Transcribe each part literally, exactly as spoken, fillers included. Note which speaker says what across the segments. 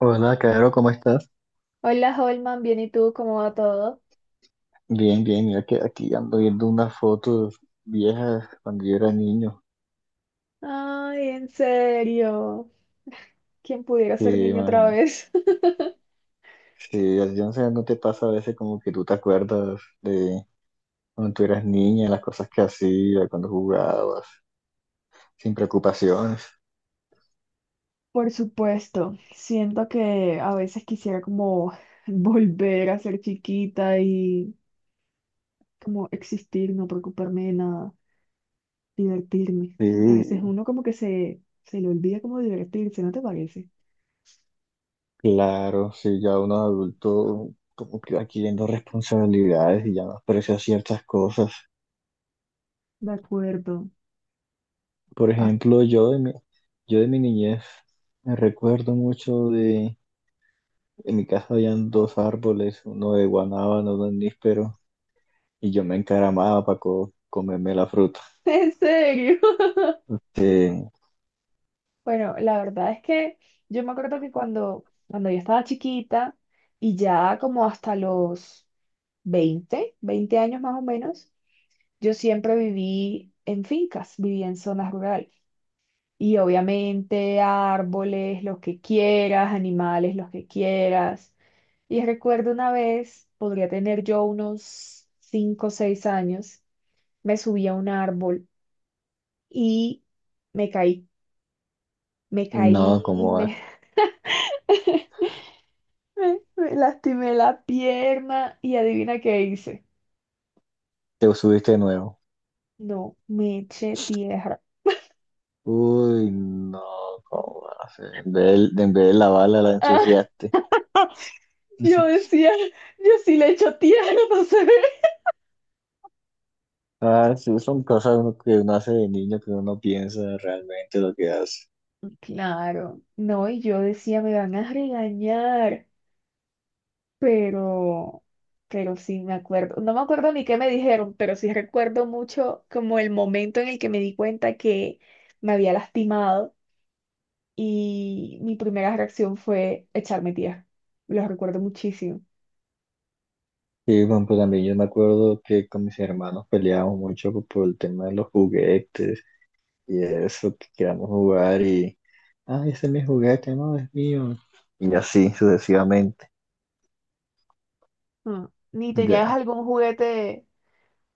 Speaker 1: Hola, Caro, ¿cómo estás?
Speaker 2: Hola Holman, bien, ¿y tú? ¿Cómo va todo?
Speaker 1: Bien, bien, mira que aquí ando viendo unas fotos viejas cuando yo era niño.
Speaker 2: Ay, en serio. ¿Quién pudiera
Speaker 1: Que
Speaker 2: ser niño otra
Speaker 1: imagínate.
Speaker 2: vez?
Speaker 1: Sí, así, no sé, no te pasa a veces como que tú te acuerdas de cuando tú eras niña, las cosas que hacías, cuando jugabas, sin preocupaciones.
Speaker 2: Por supuesto, siento que a veces quisiera como volver a ser chiquita y como existir, no preocuparme de nada, divertirme. A veces
Speaker 1: Sí,
Speaker 2: uno como que se, se le olvida como divertirse, ¿no te parece?
Speaker 1: claro, sí, ya uno adulto como que va adquiriendo responsabilidades y ya no aprecia ciertas cosas.
Speaker 2: De acuerdo.
Speaker 1: Por
Speaker 2: Ah,
Speaker 1: ejemplo, yo de mi, yo de mi niñez me recuerdo mucho de en mi casa habían dos árboles, uno de guanábano, uno de níspero, y yo me encaramaba para comerme la fruta.
Speaker 2: ¿en serio?
Speaker 1: Eh,
Speaker 2: Bueno, la verdad es que yo me acuerdo que cuando, cuando yo estaba chiquita y ya como hasta los veinte veinte años más o menos, yo siempre viví en fincas, viví en zonas rurales. Y obviamente árboles, los que quieras, animales, los que quieras. Y recuerdo una vez, podría tener yo unos cinco o seis años, me subí a un árbol y me caí. Me caí,
Speaker 1: no, ¿cómo
Speaker 2: me
Speaker 1: va?
Speaker 2: Me, me lastimé la pierna y adivina qué hice.
Speaker 1: Te subiste de nuevo.
Speaker 2: No, me eché tierra.
Speaker 1: Uy, no, ¿cómo va a ser? En vez de, en vez de lavarla, la
Speaker 2: Ah,
Speaker 1: ensuciaste.
Speaker 2: yo decía, yo sí le echo tierra, no se ve.
Speaker 1: Ah, sí, son cosas uno- que uno hace de niño que uno no piensa realmente lo que hace.
Speaker 2: Claro, no, y yo decía, me van a regañar, pero, pero sí me acuerdo, no me acuerdo ni qué me dijeron, pero sí recuerdo mucho como el momento en el que me di cuenta que me había lastimado y mi primera reacción fue echarme tierra. Lo recuerdo muchísimo.
Speaker 1: Sí, bueno, pues también yo me acuerdo que con mis hermanos peleábamos mucho por el tema de los juguetes. Y eso, que queramos jugar y, ah, ese es mi juguete, no, es mío. Y así sucesivamente.
Speaker 2: Mm. ¿Ni tenías
Speaker 1: Ya.
Speaker 2: algún juguete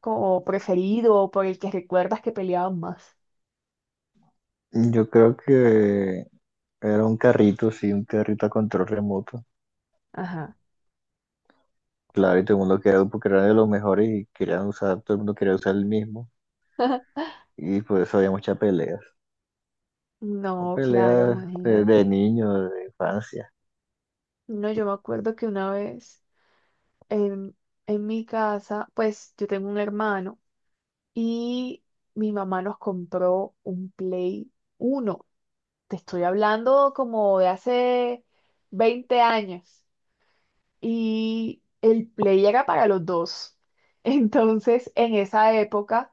Speaker 2: como preferido o por el que recuerdas que peleaban más?
Speaker 1: Yo creo que era un carrito, sí, un carrito a control remoto.
Speaker 2: Ajá.
Speaker 1: Claro, y todo el mundo quería, porque era de los mejores y querían usar, todo el mundo quería usar el mismo. Y por eso había muchas peleas. Son
Speaker 2: No, claro,
Speaker 1: peleas de, de
Speaker 2: imagínate.
Speaker 1: niños, de infancia.
Speaker 2: No, yo me acuerdo que una vez en, en mi casa, pues yo tengo un hermano y mi mamá nos compró un Play uno. Te estoy hablando como de hace veinte años. Y el Play era para los dos. Entonces, en esa época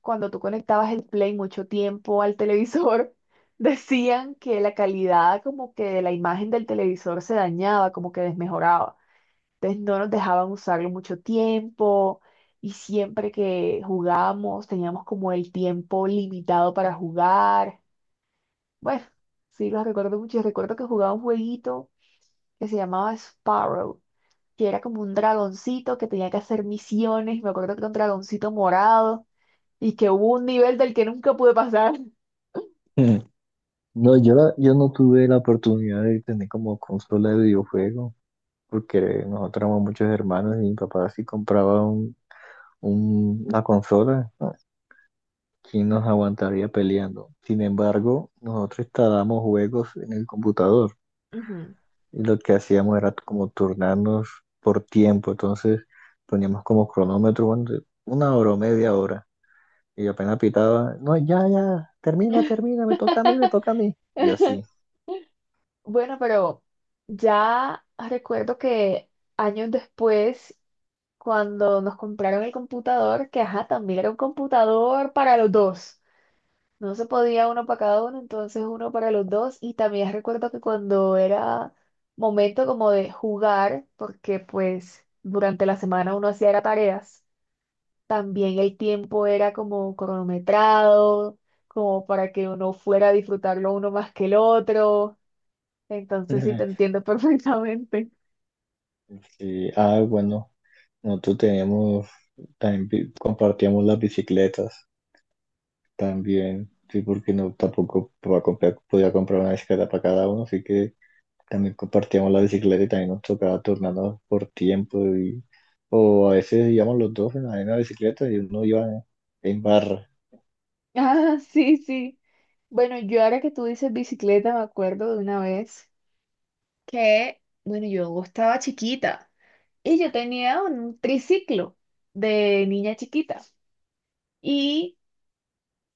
Speaker 2: cuando tú conectabas el Play mucho tiempo al televisor, decían que la calidad como que de la imagen del televisor se dañaba, como que desmejoraba. Entonces no nos dejaban usarlo mucho tiempo y siempre que jugábamos teníamos como el tiempo limitado para jugar. Bueno, sí, los recuerdo mucho. Yo recuerdo que jugaba un jueguito que se llamaba Sparrow que era como un dragoncito que tenía que hacer misiones. Me acuerdo que era un dragoncito morado y que hubo un nivel del que nunca pude pasar.
Speaker 1: Mm. No, yo, la- yo no tuve la oportunidad de tener como consola de videojuego, porque nosotros éramos muchos hermanos y mi papá sí compraba un- una consola, ¿no? ¿Quién nos aguantaría peleando? Sin embargo, nosotros instalábamos juegos en el computador
Speaker 2: Ujú.
Speaker 1: y lo que hacíamos era como turnarnos por tiempo. Entonces poníamos como cronómetro, bueno, de una hora o media hora. Y apenas pitaba, no, ya, ya, termina, termina, me toca a mí, me toca a mí. Y así.
Speaker 2: Bueno, pero ya recuerdo que años después, cuando nos compraron el computador, que ajá, también era un computador para los dos. No se podía uno para cada uno, entonces uno para los dos. Y también recuerdo que cuando era momento como de jugar, porque pues durante la semana uno hacía era tareas, también el tiempo era como cronometrado, como para que uno fuera a disfrutarlo uno más que el otro. Entonces sí te entiendo perfectamente.
Speaker 1: Sí, ah, bueno, nosotros teníamos, también pi- compartíamos las bicicletas. También, sí, porque no tampoco podía comprar, podía comprar una bicicleta para cada uno, así que también compartíamos la bicicleta y también nos tocaba turnarnos por tiempo y, o a veces íbamos los dos en la misma bicicleta y uno iba en, en barra.
Speaker 2: Ah, sí, sí. Bueno, yo ahora que tú dices bicicleta, me acuerdo de una vez que, bueno, yo estaba chiquita. Y yo tenía un triciclo de niña chiquita. Y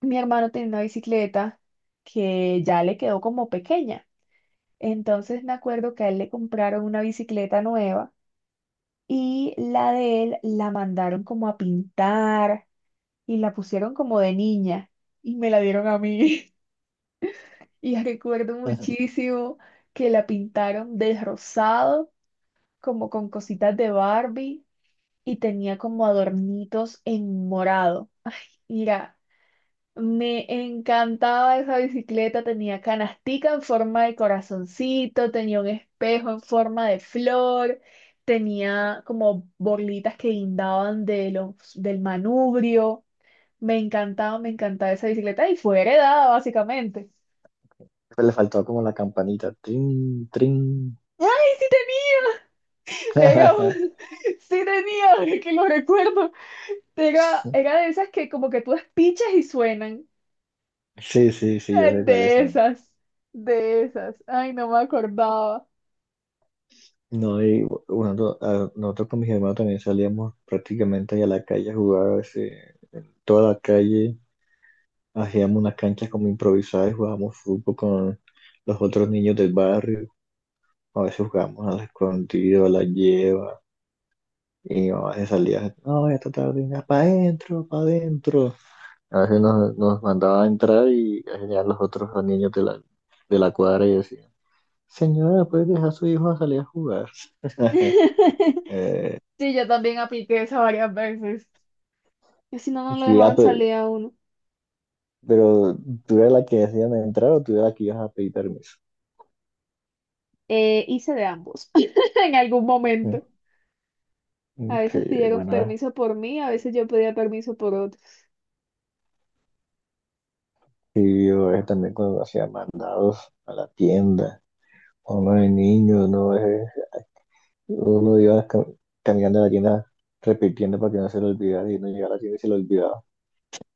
Speaker 2: mi hermano tenía una bicicleta que ya le quedó como pequeña. Entonces me acuerdo que a él le compraron una bicicleta nueva y la de él la mandaron como a pintar y la pusieron como de niña y me la dieron a mí. Y recuerdo muchísimo que la pintaron de rosado, como con cositas de Barbie y tenía como adornitos en morado. Mira, me encantaba esa bicicleta, tenía canastica en forma de corazoncito, tenía un espejo en forma de flor, tenía como bolitas que guindaban de los, del manubrio. Me encantaba, me encantaba esa bicicleta y fue heredada básicamente.
Speaker 1: Pues le faltaba como la campanita, trin, trin.
Speaker 2: ¡Ay, sí tenía! Era un- sí tenía, ahora que lo recuerdo. Era, era de esas que como que tú despichas y suenan.
Speaker 1: Sí, sí, sí, yo
Speaker 2: Eh,
Speaker 1: sé cuáles
Speaker 2: De
Speaker 1: son.
Speaker 2: esas, de esas. Ay, no me acordaba.
Speaker 1: No, y bueno, no- a- nosotros con mis hermanos también salíamos prácticamente ahí a la calle a jugar, a toda la calle. Hacíamos una cancha como improvisada y jugábamos fútbol con los otros niños del barrio. A veces jugábamos al escondido, a la lleva. Y mi mamá se salía, no, esta tarde, venga, para adentro, para adentro. A veces nos, nos mandaba a entrar y a los otros niños de la, de la cuadra y decían, señora, ¿puede dejar a su hijo a salir a jugar? Eh,
Speaker 2: Sí, yo también apliqué eso varias veces. Que si no, no lo
Speaker 1: sí, ah,
Speaker 2: dejaban salir
Speaker 1: pero,
Speaker 2: a uno.
Speaker 1: pero tú eras la que decían entrar o tú eras la que ibas a pedir permiso.
Speaker 2: Eh, hice de ambos en algún
Speaker 1: Mm,
Speaker 2: momento. A veces
Speaker 1: ok,
Speaker 2: pidieron
Speaker 1: bueno,
Speaker 2: permiso por mí, a veces yo pedía permiso por otros.
Speaker 1: sí, yo eh, también cuando hacía mandados a la tienda, uno de niño, uno, es uno iba ca- caminando a la tienda repitiendo para que no se lo olvidara y no llegaba a la tienda y se lo olvidaba.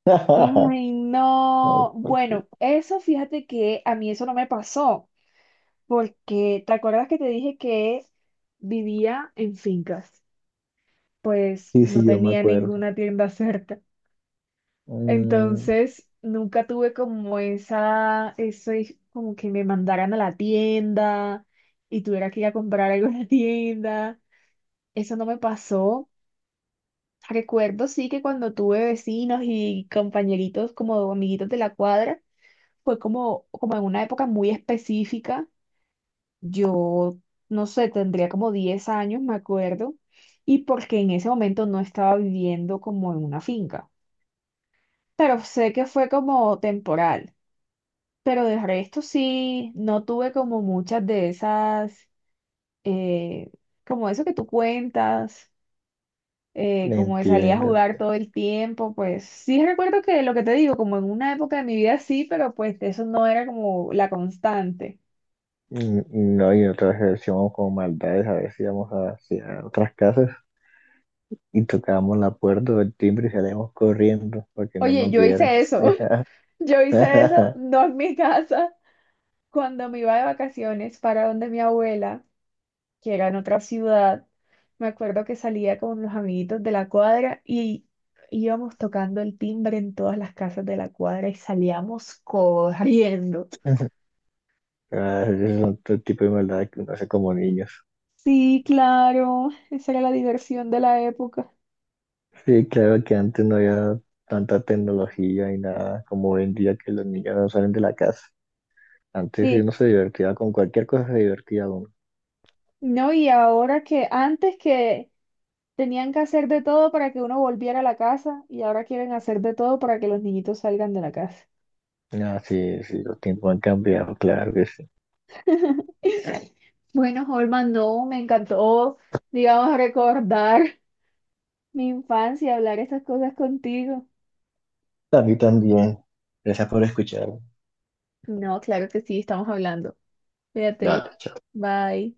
Speaker 2: Ay, no. Bueno, eso fíjate que a mí eso no me pasó, porque ¿te acuerdas que te dije que vivía en fincas? Pues
Speaker 1: Y
Speaker 2: no
Speaker 1: sí, yo me
Speaker 2: tenía
Speaker 1: acuerdo.
Speaker 2: ninguna tienda cerca.
Speaker 1: Mm,
Speaker 2: Entonces, nunca tuve como esa, eso es como que me mandaran a la tienda y tuviera que ir a comprar algo en la tienda. Eso no me pasó. Recuerdo sí que cuando tuve vecinos y compañeritos como amiguitos de la cuadra, fue como, como en una época muy específica. Yo, no sé, tendría como diez años, me acuerdo, y porque en ese momento no estaba viviendo como en una finca, pero sé que fue como temporal. Pero del resto sí, no tuve como muchas de esas, eh, como eso que tú cuentas, eh, como de salir a
Speaker 1: entiendo.
Speaker 2: jugar
Speaker 1: Entiendo.
Speaker 2: todo el tiempo, pues sí recuerdo que lo que te digo, como en una época de mi vida sí, pero pues eso no era como la constante.
Speaker 1: Mm, no, y otra vez hacíamos como maldades, a veces íbamos hacia otras casas y tocábamos la puerta o el timbre y salíamos corriendo para que no
Speaker 2: Oye,
Speaker 1: nos
Speaker 2: yo
Speaker 1: vieran.
Speaker 2: hice eso, yo hice eso, no en mi casa, cuando me iba de vacaciones para donde mi abuela, que era en otra ciudad. Me acuerdo que salía con los amiguitos de la cuadra y íbamos tocando el timbre en todas las casas de la cuadra y salíamos corriendo.
Speaker 1: Ah, ese es otro tipo de maldad que uno hace como niños.
Speaker 2: Sí, claro, esa era la diversión de la época.
Speaker 1: Sí, claro que antes no había tanta tecnología y nada como hoy en día que los niños no salen de la casa. Antes sí
Speaker 2: Sí,
Speaker 1: uno se divertía con cualquier cosa, se divertía uno.
Speaker 2: no, y ahora que antes que tenían que hacer de todo para que uno volviera a la casa y ahora quieren hacer de todo para que los niñitos salgan de la casa.
Speaker 1: Ah, sí, sí, los tiempos han cambiado, claro que sí.
Speaker 2: Bueno, Holman, no, me encantó, digamos, recordar. Mi infancia, hablar estas cosas contigo.
Speaker 1: A mí también. Gracias por escuchar.
Speaker 2: No, claro que sí, estamos hablando. Fíjate.
Speaker 1: Dale, chao.
Speaker 2: Bye.